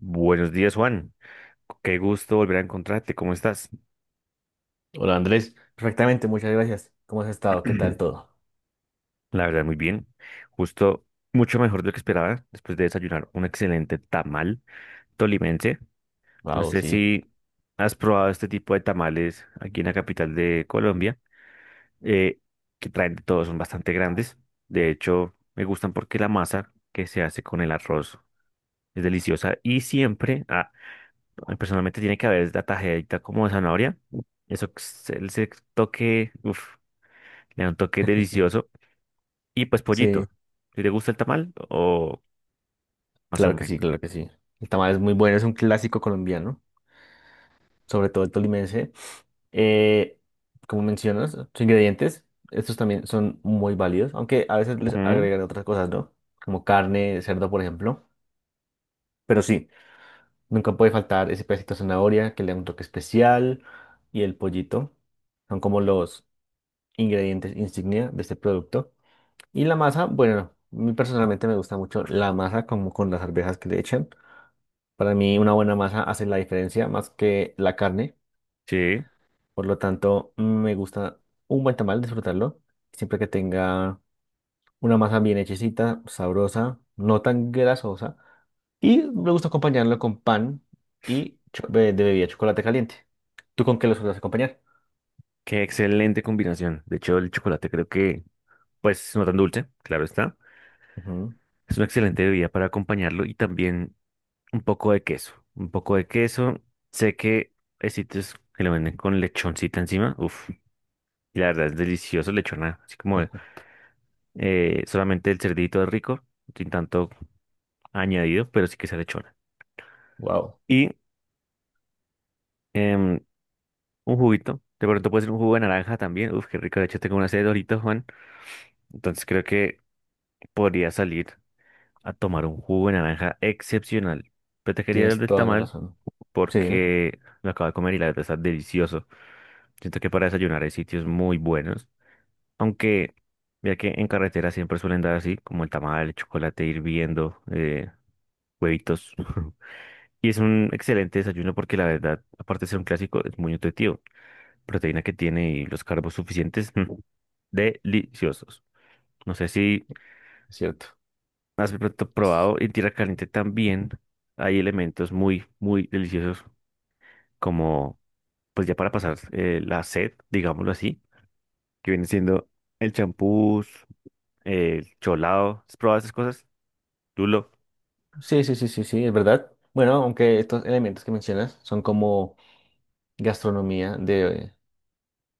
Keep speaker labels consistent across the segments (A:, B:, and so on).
A: Buenos días, Juan. Qué gusto volver a encontrarte. ¿Cómo estás?
B: Hola Andrés, perfectamente, muchas gracias. ¿Cómo has estado? ¿Qué tal todo?
A: La verdad, muy bien. Justo mucho mejor de lo que esperaba después de desayunar un excelente tamal tolimense. No
B: Wow,
A: sé
B: sí.
A: si has probado este tipo de tamales aquí en la capital de Colombia, eh, que traen de todo, son bastante grandes. De hecho, me gustan porque la masa que se hace con el arroz es deliciosa y siempre, personalmente, tiene que haber la tajadita como de zanahoria. Eso, el toque, uff. Le da un toque delicioso. Y pues pollito.
B: Sí,
A: ¿Si te gusta el tamal o más o
B: claro que sí,
A: menos?
B: claro que sí. El tamal es muy bueno, es un clásico colombiano, sobre todo el tolimense. Eh, Como mencionas, sus ingredientes, estos también son muy válidos, aunque a veces les
A: Ujú.
B: agregan otras cosas, ¿no? Como carne, cerdo, por ejemplo. Pero sí, nunca puede faltar ese pedacito de zanahoria que le da un toque especial y el pollito. Son como los ingredientes insignia de este producto. Y la masa, bueno, a mí personalmente me gusta mucho la masa como con las arvejas que le echan. Para mí una buena masa hace la diferencia más que la carne.
A: Sí,
B: Por lo tanto, me gusta un buen tamal, disfrutarlo. Siempre que tenga una masa bien hechecita, sabrosa, no tan grasosa. Y me gusta acompañarlo con pan y de bebida chocolate caliente. ¿Tú con qué lo sueles acompañar?
A: qué excelente combinación. De hecho, el chocolate creo que, pues, no tan dulce, claro está. Es una excelente bebida para acompañarlo y también un poco de queso. Un poco de queso. Sé que hay sitios que lo venden con lechoncita encima. Uf, y la verdad es delicioso lechona. Así como solamente el cerdito es rico, sin tanto añadido, pero sí que sea lechona.
B: Wow,
A: Y em, un juguito. De pronto puede ser un jugo de naranja también. Uf, qué rico. De hecho, tengo una sed de Doritos, Juan. Entonces creo que podría salir a tomar un jugo de naranja excepcional. Pero te quería dar
B: tienes
A: del
B: toda la
A: tamal
B: razón. Sí, dime,
A: porque lo acabo de comer y la verdad está delicioso. Siento que para desayunar hay sitios muy buenos. Aunque, mira que en carretera siempre suelen dar así, como el tamal, el chocolate hirviendo, huevitos. Y es un excelente desayuno porque la verdad, aparte de ser un clásico, es muy nutritivo. Proteína que tiene y los carbos suficientes. Deliciosos. No sé si
B: es cierto.
A: has de pronto probado en tierra caliente también hay elementos muy, muy deliciosos como, pues ya para pasar la sed, digámoslo así, que viene siendo el champús, el cholado. ¿Has probado esas cosas? Lulo.
B: Sí, sí, sí, sí, sí, es verdad. Bueno, aunque estos elementos que mencionas son como gastronomía de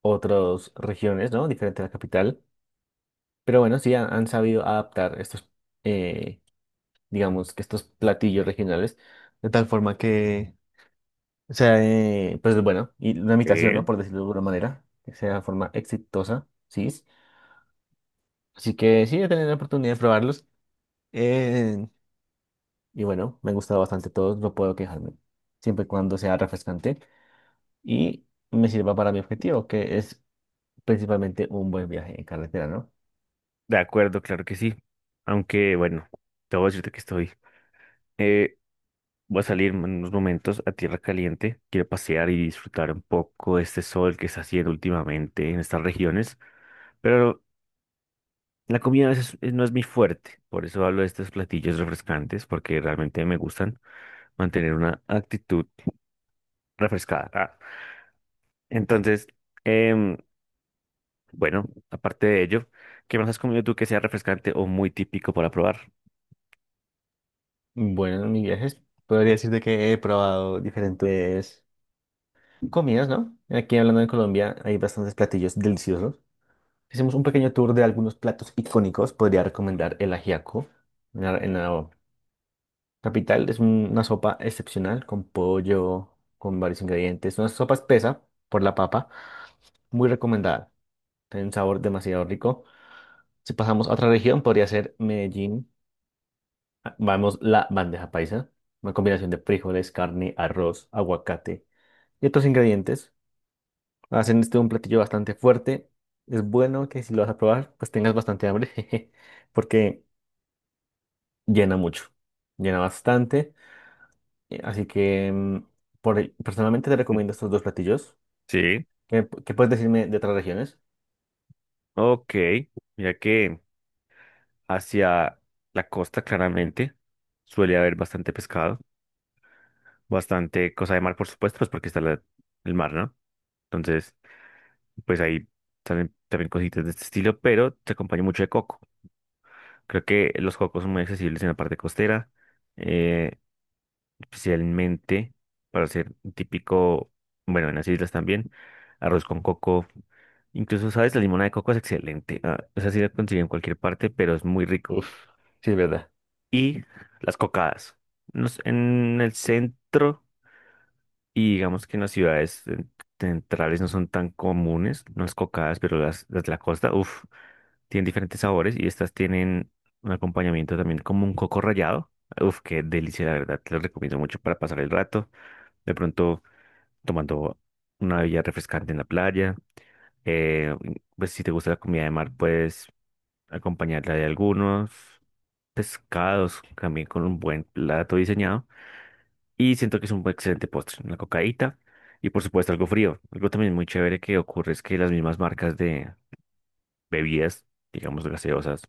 B: otras regiones, ¿no? Diferente a la capital. Pero bueno, sí han sabido adaptar estos, eh, digamos, que estos platillos regionales de tal forma que sea, pues bueno, y una imitación, ¿no?
A: Eh,
B: Por decirlo de alguna manera, que sea de forma exitosa, ¿sí? Así que sí, he tenido la oportunidad de probarlos. eh, y bueno, me han gustado bastante todos, no puedo quejarme, siempre y cuando sea refrescante. Y me sirva para mi objetivo, que es principalmente un buen viaje en carretera, ¿no?
A: De acuerdo, claro que sí. Aunque bueno, debo decirte que estoy eh, voy a salir en unos momentos a tierra caliente. Quiero pasear y disfrutar un poco de este sol que está haciendo últimamente en estas regiones. Pero la comida a veces no es mi fuerte. Por eso hablo de estos platillos refrescantes, porque realmente me gustan mantener una actitud refrescada. Entonces, em, bueno, aparte de ello, ¿qué más has comido tú que sea refrescante o muy típico para probar?
B: Bueno, en mis viajes podría decirte que he probado diferentes comidas, ¿no? Aquí hablando de Colombia hay bastantes platillos deliciosos. Si hacemos un pequeño tour de algunos platos icónicos. Podría recomendar el ajiaco en la capital. Es una sopa excepcional con pollo, con varios ingredientes. Una sopa espesa por la papa, muy recomendada. Tiene un sabor demasiado rico. Si pasamos a otra región, podría ser Medellín. Vamos, la bandeja paisa, una combinación de frijoles, carne, arroz, aguacate y otros ingredientes. Hacen este un platillo bastante fuerte. Es bueno que si lo vas a probar, pues tengas bastante hambre, jeje, porque llena mucho, llena bastante. Así que personalmente te
A: Mm,
B: recomiendo estos dos platillos.
A: Sí,
B: ¿Qué, qué puedes decirme de otras regiones?
A: ok. Mira que hacia la costa claramente suele haber bastante pescado. Bastante cosa de mar, por supuesto, pues porque está el mar, ¿no? Entonces, pues ahí salen también cositas de este estilo, pero se acompaña mucho de coco. Creo que los cocos son muy accesibles en la parte costera, eh, especialmente para hacer un típico, bueno, en las islas también, arroz con coco. Incluso, ¿sabes? La limonada de coco es excelente. Ah, esa sí la consigo en cualquier parte, pero es muy rico.
B: Uf, sí, es verdad,
A: Y las cocadas. No sé, en el centro. Y digamos que en las ciudades centrales no son tan comunes las cocadas, pero las de la costa, uff, tienen diferentes sabores y estas tienen un acompañamiento también como un coco rallado. Uff, qué delicia, la verdad, te lo recomiendo mucho para pasar el rato. De pronto tomando una bebida refrescante en la playa. eh, pues si te gusta la comida de mar, puedes acompañarla de algunos pescados también con un buen plato diseñado. Y siento que es un excelente postre, una cocaíta y por supuesto algo frío. Algo también muy chévere que ocurre es que las mismas marcas de bebidas, digamos gaseosas,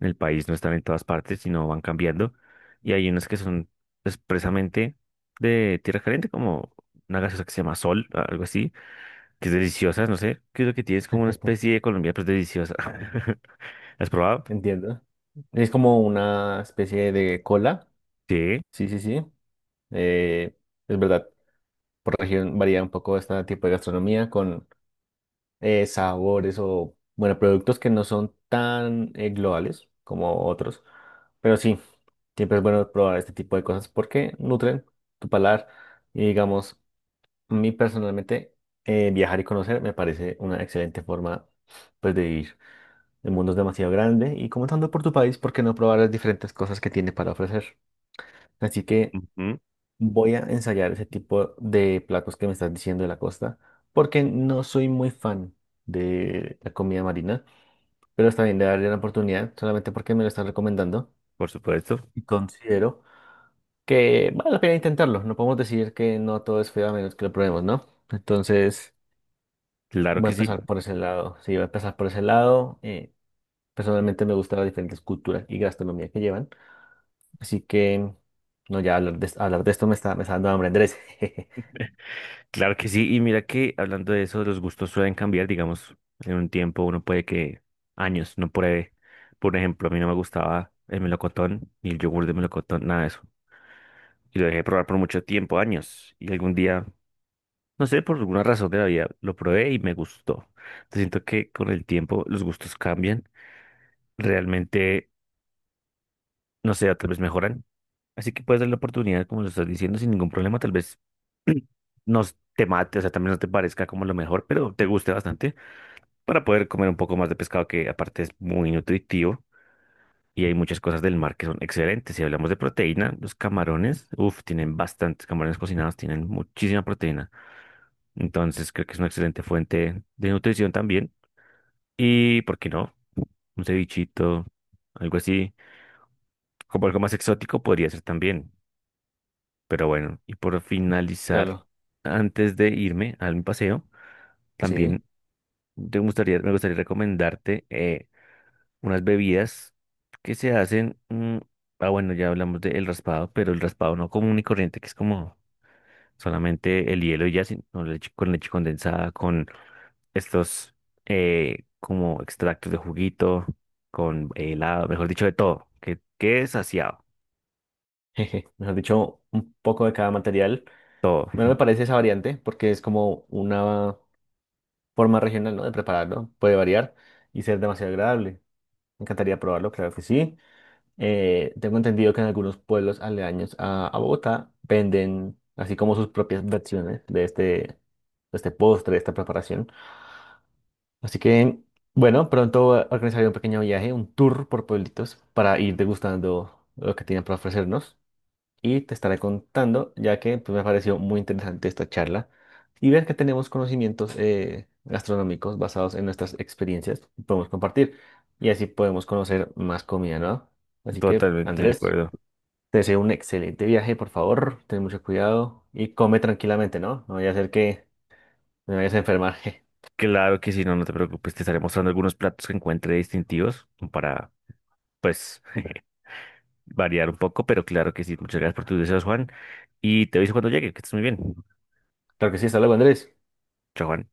A: en el país no están en todas partes, sino van cambiando. Y hay unas que son expresamente de tierra caliente, como una gaseosa que se llama Sol, algo así, que es deliciosa, no sé, que es lo que tienes como una especie de Colombia, pero es deliciosa. ¿La has probado?
B: entiendo. Es como una especie de cola.
A: Sí,
B: Sí, sí, sí. Eh, es verdad. Por región varía un poco este tipo de gastronomía con sabores o, bueno, productos que no son tan globales como otros. Pero sí, siempre es bueno probar este tipo de cosas porque nutren tu paladar. Y digamos, a mí personalmente, viajar y conocer me parece una excelente forma pues, de vivir. El mundo es demasiado grande y comenzando por tu país, ¿por qué no probar las diferentes cosas que tiene para ofrecer? Así que
A: ujú,
B: voy a ensayar ese tipo de platos que me estás diciendo de la costa, porque no soy muy fan de la comida marina, pero está bien de darle una oportunidad solamente porque me lo están recomendando
A: por supuesto,
B: y considero que vale la pena intentarlo. No podemos decir que no todo es feo a menos que lo probemos, ¿no? Entonces,
A: claro
B: voy a
A: que sí.
B: empezar por ese lado. Sí, voy a empezar por ese lado. Personalmente me gustan las diferentes culturas y gastronomía que llevan, así que no, ya hablar de esto me está dando hambre, Andrés.
A: Claro que sí, y mira que hablando de eso, los gustos suelen cambiar, digamos, en un tiempo uno puede que años no pruebe. Por ejemplo, a mí no me gustaba el melocotón ni el yogur de melocotón, nada de eso. Y lo dejé de probar por mucho tiempo, años. Y algún día, no sé, por alguna razón de la vida, lo probé y me gustó. Entonces, siento que con el tiempo los gustos cambian, realmente, no sé, tal vez mejoran. Así que puedes dar la oportunidad, como lo estás diciendo, sin ningún problema, tal vez no te mate, o sea, también no te parezca como lo mejor, pero te guste bastante. Para poder comer un poco más de pescado que aparte es muy nutritivo y hay muchas cosas del mar que son excelentes. Si hablamos de proteína, los camarones, uff, tienen bastantes camarones cocinados, tienen muchísima proteína. Entonces creo que es una excelente fuente de nutrición también. Y, ¿por qué no? Un cevichito, algo así, como algo más exótico podría ser también. Pero bueno, y por finalizar,
B: Claro,
A: antes de irme al paseo,
B: sí.
A: también te gustaría, me gustaría recomendarte unas bebidas que se hacen. Ah, bueno, ya hablamos del raspado, pero el raspado no común y corriente, que es como solamente el hielo y ya, sino leche, con leche condensada, con estos como extractos de juguito, con helado, mejor dicho, de todo. Que es saciado,
B: Jeje, mejor dicho, un poco de cada material.
A: todo,
B: Bueno, me parece esa variante porque es como una forma regional, ¿no? De prepararlo. Puede variar y ser demasiado agradable. Me encantaría probarlo, claro que sí. Tengo entendido que en algunos pueblos aledaños a Bogotá venden así como sus propias versiones de de este postre, de esta preparación. Así que, bueno, pronto organizaré un pequeño viaje, un tour por pueblitos para ir degustando lo que tienen para ofrecernos. Y te estaré contando, ya que pues, me pareció muy interesante esta charla y ver que tenemos conocimientos gastronómicos basados en nuestras experiencias y podemos compartir y así podemos conocer más comida, ¿no? Así que,
A: totalmente de
B: Andrés,
A: acuerdo.
B: te deseo un excelente viaje, por favor, ten mucho cuidado y come tranquilamente, ¿no? No vaya a ser que me vayas a enfermar.
A: Claro que si no, no te preocupes, te estaré mostrando algunos platos que encuentre distintivos para, pues. Variar un poco, pero claro que sí. Muchas gracias por tus deseos, Juan. Y te aviso cuando llegue, que estés muy bien.
B: Claro que sí, hasta luego, Andrés.
A: Chao, Juan.